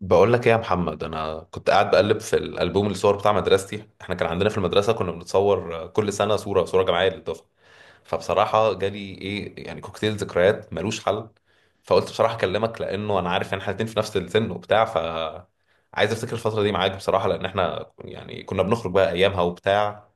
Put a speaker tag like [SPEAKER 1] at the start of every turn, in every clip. [SPEAKER 1] بقول لك ايه يا محمد، انا كنت قاعد بقلب في الالبوم الصور بتاع مدرستي. احنا كان عندنا في المدرسه كنا بنتصور كل سنه صوره صوره جماعيه للدفعه. فبصراحه جالي ايه، يعني كوكتيل ذكريات ملوش حل. فقلت بصراحه اكلمك، لانه انا عارف ان احنا الاتنين في نفس السن وبتاع، ف عايز افتكر الفتره دي معاك بصراحه، لان احنا يعني كنا بنخرج بقى ايامها وبتاع.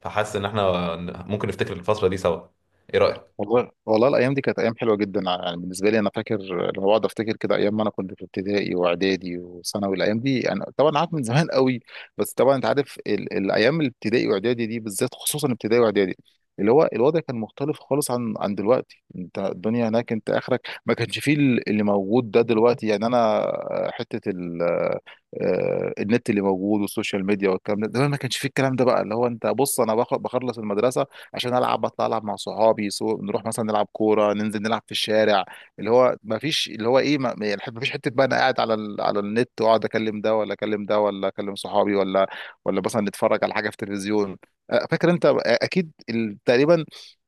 [SPEAKER 1] فحاسس ان احنا ممكن نفتكر الفتره دي سوا. ايه رايك؟
[SPEAKER 2] والله والله الايام دي كانت ايام حلوه جدا، يعني بالنسبه لي انا فاكر. لما بقعد افتكر كده ايام ما انا كنت في ابتدائي واعدادي وثانوي، الايام دي انا طبعا عارف من زمان قوي. بس طبعا انت عارف الايام الابتدائي واعدادي دي بالذات، خصوصا ابتدائي واعدادي اللي هو الوضع كان مختلف خالص عن دلوقتي. انت الدنيا هناك انت اخرك ما كانش فيه اللي موجود ده دلوقتي، يعني انا حته النت اللي موجود والسوشيال ميديا والكلام ده، زمان ما كانش فيه الكلام ده. بقى اللي هو انت بص، انا بخلص المدرسه عشان العب، بطلع العب مع صحابي، نروح مثلا نلعب كوره، ننزل نلعب في الشارع. اللي هو ما فيش اللي هو ايه، يعني ما فيش حته بقى انا قاعد على على النت واقعد اكلم ده ولا اكلم ده ولا اكلم صحابي، ولا مثلا نتفرج على حاجه في التلفزيون. فاكر انت، اكيد تقريبا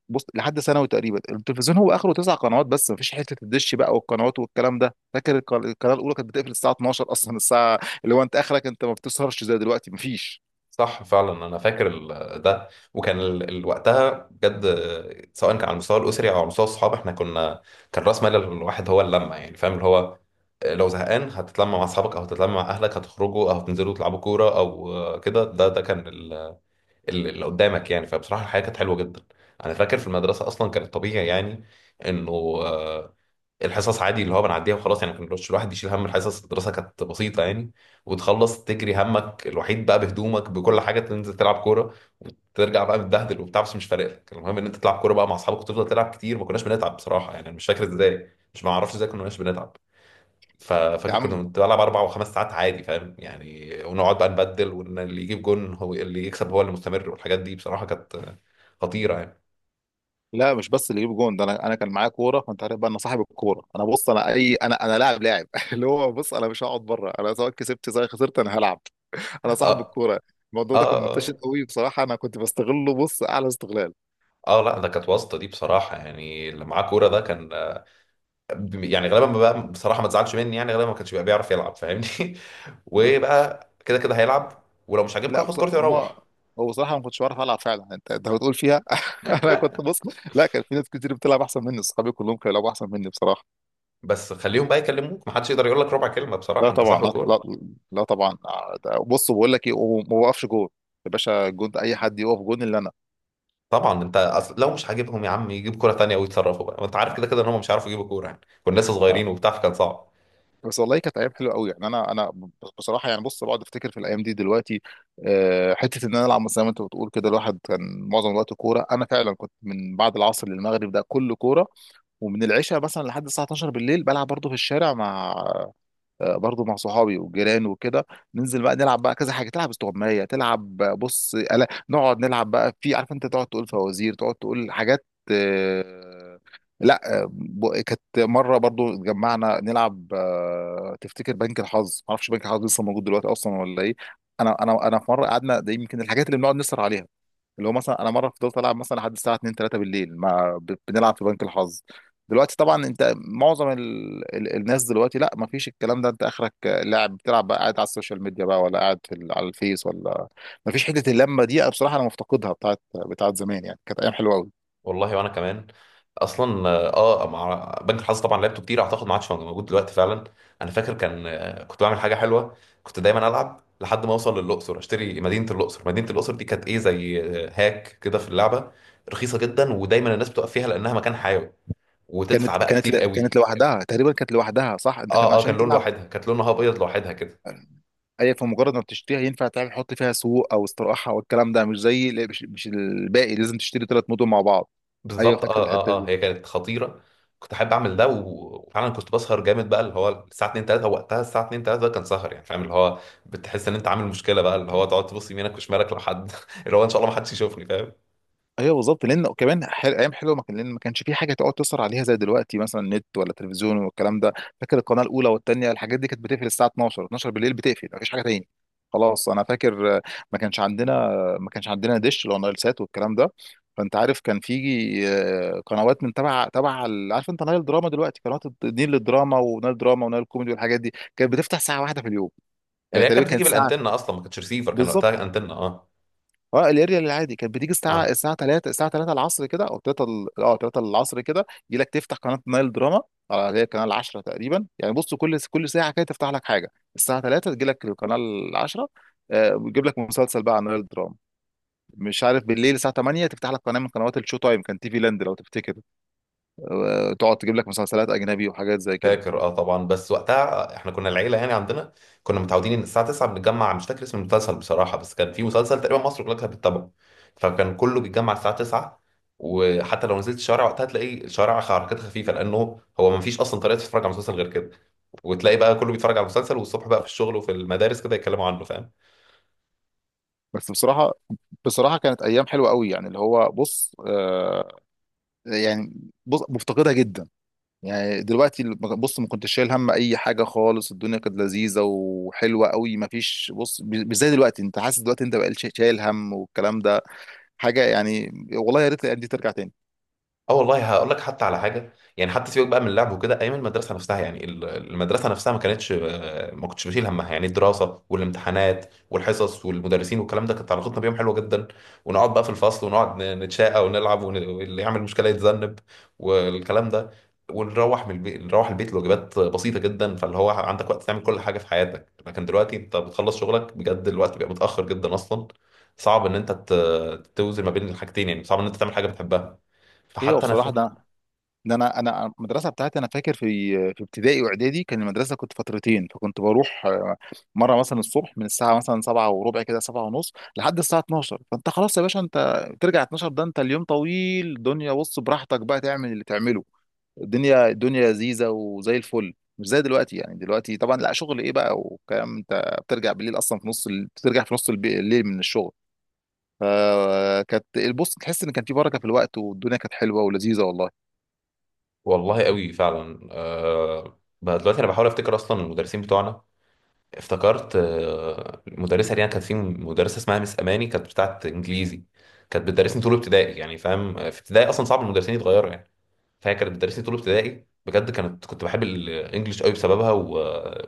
[SPEAKER 2] بص لحد ثانوي تقريبا التلفزيون هو اخره تسع قنوات بس، ما فيش حته الدش بقى والقنوات والكلام ده. فاكر القناه الاولى كانت بتقفل الساعه 12 اصلا الساعه، اللي هو انت اخرك انت ما بتسهرش زي دلوقتي، ما فيش.
[SPEAKER 1] صح فعلا، انا فاكر ده. وكان وقتها بجد سواء كان على المستوى الاسري او على مستوى الصحاب، احنا كنا، كان راس مال الواحد هو اللمه، يعني فاهم اللي هو، لو زهقان هتتلم مع اصحابك او هتتلم مع اهلك، هتخرجوا او هتنزلوا تلعبوا كوره، او كده، ده كان اللي قدامك يعني. فبصراحه الحياه كانت حلوه جدا. انا فاكر في المدرسه اصلا كان الطبيعي يعني انه، آه، الحصص عادي اللي هو بنعديها وخلاص، يعني ما كانش الواحد يشيل هم الحصص، الدراسه كانت بسيطه يعني. وتخلص تجري همك الوحيد بقى بهدومك بكل حاجه، تنزل تلعب كوره، وترجع بقى متبهدل وبتاع، بس مش فارق لك، المهم ان انت تلعب كوره بقى مع اصحابك وتفضل تلعب كتير. ما كناش بنتعب بصراحه يعني، انا مش فاكر ازاي، مش، ما اعرفش ازاي كناش بنتعب.
[SPEAKER 2] يا
[SPEAKER 1] ففاكر كنا
[SPEAKER 2] عم،
[SPEAKER 1] بنلعب 4 و5 ساعات عادي، فاهم يعني، ونقعد بقى نبدل، وان اللي يجيب جون هو اللي يكسب، هو اللي مستمر، والحاجات دي بصراحه كانت خطيره يعني.
[SPEAKER 2] لا مش بس اللي يجيب جون ده، انا كان معايا كوره، فانت عارف بقى انا صاحب الكوره. انا بص انا اي، انا لاعب اللي هو بص انا مش هقعد بره، انا سواء كسبت سواء خسرت انا هلعب.
[SPEAKER 1] اه،
[SPEAKER 2] انا صاحب
[SPEAKER 1] اه،
[SPEAKER 2] الكوره. الموضوع ده كان منتشر
[SPEAKER 1] آه.
[SPEAKER 2] قوي بصراحه، انا كنت بستغله بص اعلى استغلال.
[SPEAKER 1] اه، لا، ده كانت واسطه دي بصراحه يعني، اللي معاه كوره ده كان، يعني غالبا، ما بقى بصراحه ما تزعلش مني، يعني غالبا ما كانش بيبقى بيعرف يلعب، فاهمني.
[SPEAKER 2] آه.
[SPEAKER 1] وبقى كده كده هيلعب، ولو مش عاجبك
[SPEAKER 2] لا
[SPEAKER 1] هاخد
[SPEAKER 2] بص،
[SPEAKER 1] كورتي
[SPEAKER 2] ما
[SPEAKER 1] واروح.
[SPEAKER 2] هو بصراحه ما كنتش بعرف العب فعلا، انت بتقول فيها. انا كنت بص، لا كان في ناس كتير بتلعب احسن مني، اصحابي كلهم كانوا بيلعبوا احسن مني بصراحه.
[SPEAKER 1] بس خليهم بقى يكلموك، ما حدش يقدر يقول لك ربع كلمه بصراحه،
[SPEAKER 2] لا
[SPEAKER 1] انت
[SPEAKER 2] طبعا،
[SPEAKER 1] صاحب
[SPEAKER 2] لا
[SPEAKER 1] الكوره.
[SPEAKER 2] لا، لا طبعا. بص بقول لك ايه، وما بوقفش جون. يا باشا، جون ده اي حد يقف جون الا انا.
[SPEAKER 1] طبعا انت أصل لو مش عاجبهم يا عم يجيب كوره تانيه ويتصرفوا بقى، وانت عارف
[SPEAKER 2] آه.
[SPEAKER 1] كده كده ان هم مش عارفوا يجيبوا كوره، يعني كنا لسه صغيرين وبتاع فكان صعب.
[SPEAKER 2] بس والله كانت ايام حلوه قوي يعني، انا بصراحه يعني بص بقعد افتكر في الايام دي دلوقتي. حته ان انا العب مثلا زي ما انت بتقول كده، الواحد كان معظم الوقت كوره. انا فعلا كنت من بعد العصر للمغرب ده كله كوره، ومن العشاء مثلا لحد الساعه 12 بالليل بلعب برضه في الشارع مع، برضو مع صحابي والجيران وكده. ننزل بقى نلعب بقى كذا حاجه، تلعب استغمايه، تلعب، بص ألا نقعد نلعب بقى. في، عارف انت، تقعد تقول فوازير، تقعد تقول حاجات. آه، لا كانت مره برضو اتجمعنا نلعب، تفتكر بنك الحظ؟ ما اعرفش بنك الحظ لسه موجود دلوقتي اصلا ولا ايه. انا في مره قعدنا، ده يمكن الحاجات اللي بنقعد نسهر عليها. اللي هو مثلا انا مره فضلت العب مثلا لحد الساعه 2 3 بالليل، مع بنلعب في بنك الحظ. دلوقتي طبعا انت معظم الناس دلوقتي لا، ما فيش الكلام ده. انت اخرك لاعب، بتلعب بقى قاعد على السوشيال ميديا بقى، ولا قاعد في على الفيس ولا. ما فيش حته اللمه دي، أنا بصراحه انا مفتقدها بتاعت زمان، يعني كانت ايام حلوه قوي.
[SPEAKER 1] والله، وانا كمان. اصلا اه، مع بنك الحظ طبعا لعبته كتير، اعتقد ما عادش موجود دلوقتي فعلا. انا فاكر كان، كنت بعمل حاجه حلوه. كنت دايما العب لحد ما اوصل للاقصر، اشتري مدينه الاقصر. مدينه الاقصر دي كانت ايه، زي، هاك كده في اللعبه، رخيصه جدا، ودايما الناس بتقف فيها لانها مكان حيوي، وتدفع
[SPEAKER 2] كانت
[SPEAKER 1] بقى
[SPEAKER 2] كانت
[SPEAKER 1] كتير قوي.
[SPEAKER 2] كانت لوحدها تقريبا، كانت لوحدها صح. انت كان
[SPEAKER 1] اه اه، كان
[SPEAKER 2] عشان
[SPEAKER 1] لون
[SPEAKER 2] تلعب،
[SPEAKER 1] لوحدها، كانت لونها ابيض لوحدها كده.
[SPEAKER 2] اي، في مجرد ما بتشتريها ينفع تعمل، تحط فيها سوق او استراحه والكلام ده، مش زي مش الباقي لازم تشتري ثلاث مدن مع بعض. ايوه
[SPEAKER 1] بالظبط. اه
[SPEAKER 2] فاكر
[SPEAKER 1] اه
[SPEAKER 2] الحته
[SPEAKER 1] اه،
[SPEAKER 2] دي.
[SPEAKER 1] هي كانت خطيره. كنت احب اعمل ده وفعلا كنت بسهر جامد بقى، اللي هو الساعه 2 3 وقتها، الساعه 2 3 ده كان سهر يعني، فاهم اللي هو، بتحس ان انت عامل مشكله بقى، اللي هو تقعد تبص يمينك وشمالك لو حد، اللي هو ان شاء الله ما حدش يشوفني، فاهم.
[SPEAKER 2] ايوه بالظبط، لان كمان ايام حلوه ما كان، لان ما كانش في حاجه تقعد تسهر عليها زي دلوقتي، مثلا نت ولا تلفزيون والكلام ده. فاكر القناه الاولى والثانيه الحاجات دي كانت بتقفل الساعه 12 بالليل بتقفل، مفيش حاجه تاني. خلاص انا فاكر. ما كانش عندنا، ما كانش عندنا ديش ولا نايل سات والكلام ده. فانت عارف كان في، قنوات من تبع عارف انت نايل دراما دلوقتي، قنوات النيل للدراما ونايل دراما ونايل كوميدي، والحاجات دي كانت بتفتح ساعه واحده في اليوم،
[SPEAKER 1] اللي
[SPEAKER 2] يعني
[SPEAKER 1] هي
[SPEAKER 2] تقريبا
[SPEAKER 1] كانت بتيجي
[SPEAKER 2] كانت ساعه.
[SPEAKER 1] بالانتنه اصلا، ما كانتش ريسيفر، كان
[SPEAKER 2] بالظبط.
[SPEAKER 1] وقتها انتنه. اه.
[SPEAKER 2] اه الاريال العادي كانت بتيجي الساعه
[SPEAKER 1] اه
[SPEAKER 2] 3 العصر كده، او 3 العصر كده يجي لك تفتح قناه نايل دراما. اه، اللي هي القناه 10 تقريبا. يعني بص كل ساعه كده تفتح لك حاجه. الساعه 3 تجي لك القناه 10. آه، بيجيب لك مسلسل بقى عن نايل دراما. مش عارف بالليل الساعه 8 تفتح لك قناه من قنوات الشو تايم، كان تي في لاند لو تفتكر. آه تقعد تجيب لك مسلسلات اجنبي وحاجات زي كده.
[SPEAKER 1] فاكر، اه طبعا، بس وقتها احنا كنا العيله يعني، عندنا كنا متعودين ان الساعه 9 بنتجمع. مش فاكر اسم المسلسل بصراحه، بس كان في مسلسل تقريبا مصر كلها كانت بتتابعه، فكان كله بيتجمع الساعه 9. وحتى لو نزلت الشارع وقتها تلاقي الشارع حركات خفيفه، لانه هو ما فيش اصلا طريقه تتفرج على مسلسل غير كده. وتلاقي بقى كله بيتفرج على المسلسل، والصبح بقى في الشغل وفي المدارس كده يتكلموا عنه، فاهم.
[SPEAKER 2] بس بصراحه بصراحه كانت ايام حلوه قوي يعني، اللي هو بص آه، يعني، بص مفتقدها جدا. يعني دلوقتي بص، ما كنتش شايل هم اي حاجه خالص، الدنيا كانت لذيذه وحلوه قوي. ما فيش بص، مش زي دلوقتي. انت حاسس دلوقتي انت بقى شايل هم والكلام ده حاجه. يعني والله يا ريت الايام دي ترجع تاني.
[SPEAKER 1] اه والله، هقول لك حتى على حاجه يعني، حتى سيبك بقى من اللعب وكده، ايام المدرسه نفسها، يعني المدرسه نفسها ما كانتش، ما كنتش بشيل همها، يعني الدراسه والامتحانات والحصص والمدرسين والكلام ده، كانت علاقتنا بيهم حلوه جدا، ونقعد بقى في الفصل ونقعد نتشاقى ونلعب واللي يعمل مشكله يتذنب والكلام ده. ونروح من البيت نروح البيت لواجبات بسيطه جدا، فاللي هو عندك وقت تعمل كل حاجه في حياتك، لكن دلوقتي انت بتخلص شغلك بجد الوقت بيبقى متاخر جدا اصلا، صعب ان انت توزن ما بين الحاجتين يعني، صعب ان انت تعمل حاجه بتحبها.
[SPEAKER 2] ايوه
[SPEAKER 1] فحتى انا
[SPEAKER 2] بصراحه،
[SPEAKER 1] فاكر.
[SPEAKER 2] ده انا المدرسه بتاعتي انا فاكر في، في ابتدائي واعدادي كان المدرسه كنت فترتين، فكنت بروح، مره مثلا الصبح من الساعه مثلا 7 وربع كده، 7 ونص لحد الساعه 12. فانت خلاص يا باشا انت ترجع 12، ده انت اليوم طويل، الدنيا بص براحتك بقى تعمل اللي تعمله. الدنيا لذيذه وزي الفل، مش زي دلوقتي يعني. دلوقتي طبعا لا شغل ايه بقى وكلام، انت بترجع بالليل اصلا في نص بترجع في نص الليل من الشغل. فكانت البص تحس ان كان في بركه في الوقت، والدنيا كانت حلوه ولذيذه والله.
[SPEAKER 1] والله قوي فعلا. بقى دلوقتي انا بحاول افتكر اصلا المدرسين بتوعنا. افتكرت، المدرسه دي أنا كانت في مدرسه اسمها مس اماني، كانت بتاعت انجليزي، كانت بتدرسني طول ابتدائي، يعني فاهم في ابتدائي اصلا صعب المدرسين يتغيروا يعني. فاكر مدرستي طول ابتدائي بجد، كنت بحب الانجليش قوي بسببها، و...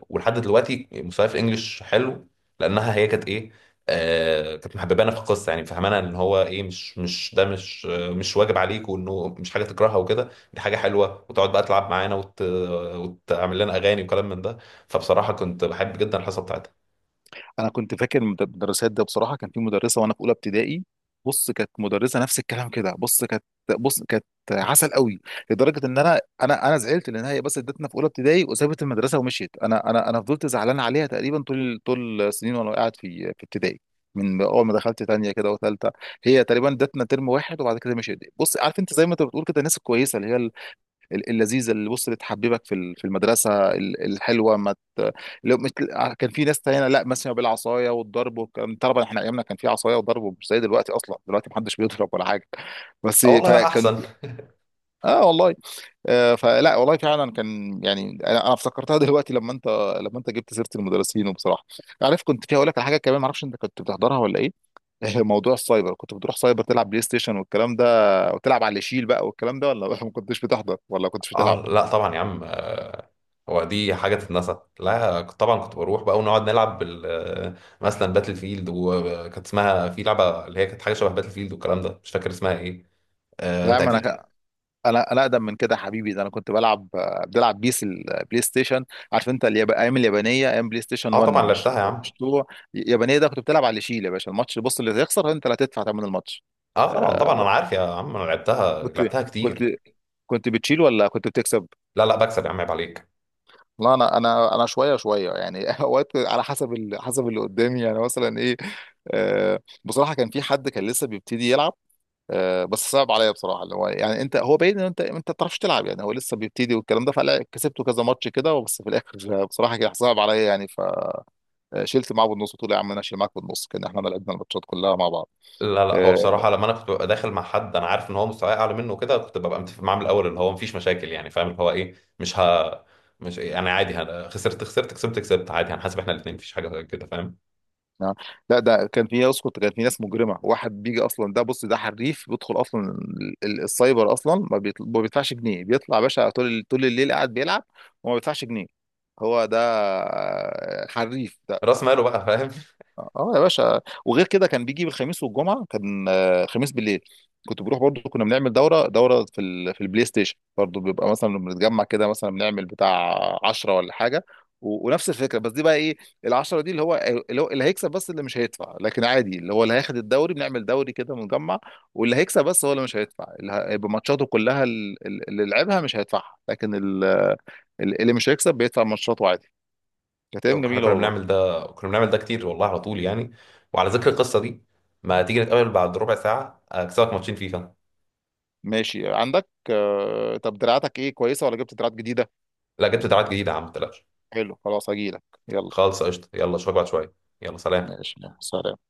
[SPEAKER 1] ولحد دلوقتي مستواي في الانجليش حلو، لانها هي كانت ايه، كانت محببانا في القصه، يعني فهمانا ان هو ايه، مش ده، مش واجب عليك، وانه مش حاجه تكرهها وكده، دي حاجه حلوه، وتقعد بقى تلعب معانا وتعمل لنا اغاني وكلام من ده. فبصراحه كنت بحب جدا الحصه بتاعتها.
[SPEAKER 2] انا كنت فاكر المدرسات ده، بصراحه كان في مدرسه وانا في اولى ابتدائي، بص كانت مدرسه نفس الكلام كده، بص كانت بص كانت عسل قوي. لدرجه ان انا زعلت، لان هي بس ادتنا في اولى ابتدائي وسابت المدرسه ومشيت. انا فضلت زعلان عليها تقريبا طول السنين وانا قاعد في ابتدائي. من اول ما دخلت تانية كده وثالثه، هي تقريبا ادتنا ترم واحد وبعد كده مشيت. بص عارف انت، زي ما انت بتقول كده، الناس الكويسه اللي هي اللذيذه، اللي بص اللي تحببك في في المدرسه الحلوه. ما ت... لو مت... كان في ناس تانية لا، مثلا بالعصايه والضرب والكلام. طبعا احنا ايامنا كان في عصايه وضرب، مش زي دلوقتي، اصلا دلوقتي محدش بيضرب ولا حاجه، بس
[SPEAKER 1] اه والله بقى
[SPEAKER 2] فكان.
[SPEAKER 1] احسن.
[SPEAKER 2] اه والله. فلا والله، فعلا كان. يعني انا افتكرتها دلوقتي لما انت، لما انت جبت سيره المدرسين. وبصراحه، عارف كنت في اقول لك على حاجه كمان، ما اعرفش انت كنت بتحضرها ولا ايه، موضوع السايبر. كنت بتروح سايبر تلعب بلاي ستيشن والكلام ده، وتلعب على اللي يشيل بقى والكلام ده، ولا ما كنتش بتحضر ولا كنتش بتلعب؟
[SPEAKER 1] اه، لا طبعا يا عم، هو دي حاجه تتنسى؟ لا طبعا كنت بروح بقى ونقعد نلعب بال آه، مثلا باتل فيلد، وكانت اسمها في لعبه اللي هي كانت حاجه شبه باتل فيلد والكلام ده، مش فاكر اسمها ايه.
[SPEAKER 2] لا يا
[SPEAKER 1] انت
[SPEAKER 2] عم انا
[SPEAKER 1] اكيد.
[SPEAKER 2] انا اقدم من كده يا حبيبي، ده انا كنت بلعب، بيس البلاي ستيشن. عارف انت ايام اليابانيه، ايام بلاي ستيشن
[SPEAKER 1] اه
[SPEAKER 2] 1
[SPEAKER 1] طبعا لعبتها يا
[SPEAKER 2] مش
[SPEAKER 1] عم.
[SPEAKER 2] 2. اليابانيه ده كنت بتلعب على اللي يشيل يا باشا الماتش، بص اللي هيخسر انت اللي هتدفع ثمن الماتش.
[SPEAKER 1] اه طبعا طبعا،
[SPEAKER 2] آه.
[SPEAKER 1] انا عارف يا عم، انا لعبتها
[SPEAKER 2] كنت
[SPEAKER 1] لعبتها
[SPEAKER 2] كنت
[SPEAKER 1] كتير.
[SPEAKER 2] كنت بتشيل ولا كنت بتكسب؟
[SPEAKER 1] لا لا بكسب يا عم، عيب عليك.
[SPEAKER 2] لا انا، انا شويه شويه يعني اوقات، على حسب حسب اللي قدامي يعني مثلا. ايه آه، بصراحه كان في حد كان لسه بيبتدي يلعب، بس صعب عليا بصراحه، اللي هو يعني انت هو باين ان انت ما بتعرفش تلعب يعني، هو لسه بيبتدي والكلام ده. فلا كسبته كذا ماتش كده، بس في الاخر بصراحه كان صعب عليا يعني، فشلت معاه بالنص. قلت له يا عم انا اشيل معاك بالنص، كان احنا لعبنا الماتشات كلها مع بعض.
[SPEAKER 1] لا، لا، هو
[SPEAKER 2] آه،
[SPEAKER 1] بصراحة لما أنا كنت ببقى داخل مع حد، أنا عارف إن هو مستواي أعلى منه وكده، كنت ببقى متفق معاه من الأول اللي هو مفيش مشاكل يعني، فاهم اللي هو إيه، مش إيه، يعني عادي، خسرت خسرت كسبت كسبت عادي، هنحاسب إحنا الاتنين، مفيش حاجة كده، فاهم.
[SPEAKER 2] نعم. لا ده كان في، اسكت كان في ناس مجرمه، واحد بيجي اصلا، ده بص ده حريف بيدخل اصلا السايبر اصلا، ما ما بيدفعش جنيه، بيطلع يا باشا طول الليل قاعد بيلعب، وما بيدفعش جنيه. هو ده، حريف.
[SPEAKER 1] رأس ماله بقى فاهم.
[SPEAKER 2] اه يا باشا. وغير كده كان بيجي بالخميس والجمعه، كان خميس بالليل كنت بروح برضو، كنا بنعمل دوره في في البلاي ستيشن برضو. بيبقى مثلا بنتجمع كده، مثلا بنعمل بتاع 10 ولا حاجه، و... ونفس الفكره بس دي بقى ايه، العشرة دي اللي هو، اللي هيكسب بس اللي مش هيدفع. لكن عادي اللي هو اللي هياخد الدوري، بنعمل دوري كده مجمع، واللي هيكسب بس هو اللي مش هيدفع، اللي هيبقى ماتشاته كلها اللي لعبها مش هيدفعها. لكن اللي مش هيكسب بيدفع ماتشاته عادي. كانت ايام
[SPEAKER 1] إحنا
[SPEAKER 2] جميله
[SPEAKER 1] كنا بنعمل
[SPEAKER 2] والله.
[SPEAKER 1] ده كنا بنعمل ده كتير والله، على طول يعني. وعلى ذكر القصة دي، ما تيجي نتقابل بعد ربع ساعة، أكسبك ماتشين فيفا.
[SPEAKER 2] ماشي عندك. طب دراعاتك ايه، كويسة ولا جبت دراعات جديدة؟
[SPEAKER 1] لا جبت دراعات جديدة يا عم، ما تقلقش.
[SPEAKER 2] حلو خلاص هجيلك، يلا.
[SPEAKER 1] خالص قشطة، يلا أشوفك بعد شوية. يلا سلام.
[SPEAKER 2] ماشي، يلا، سلام.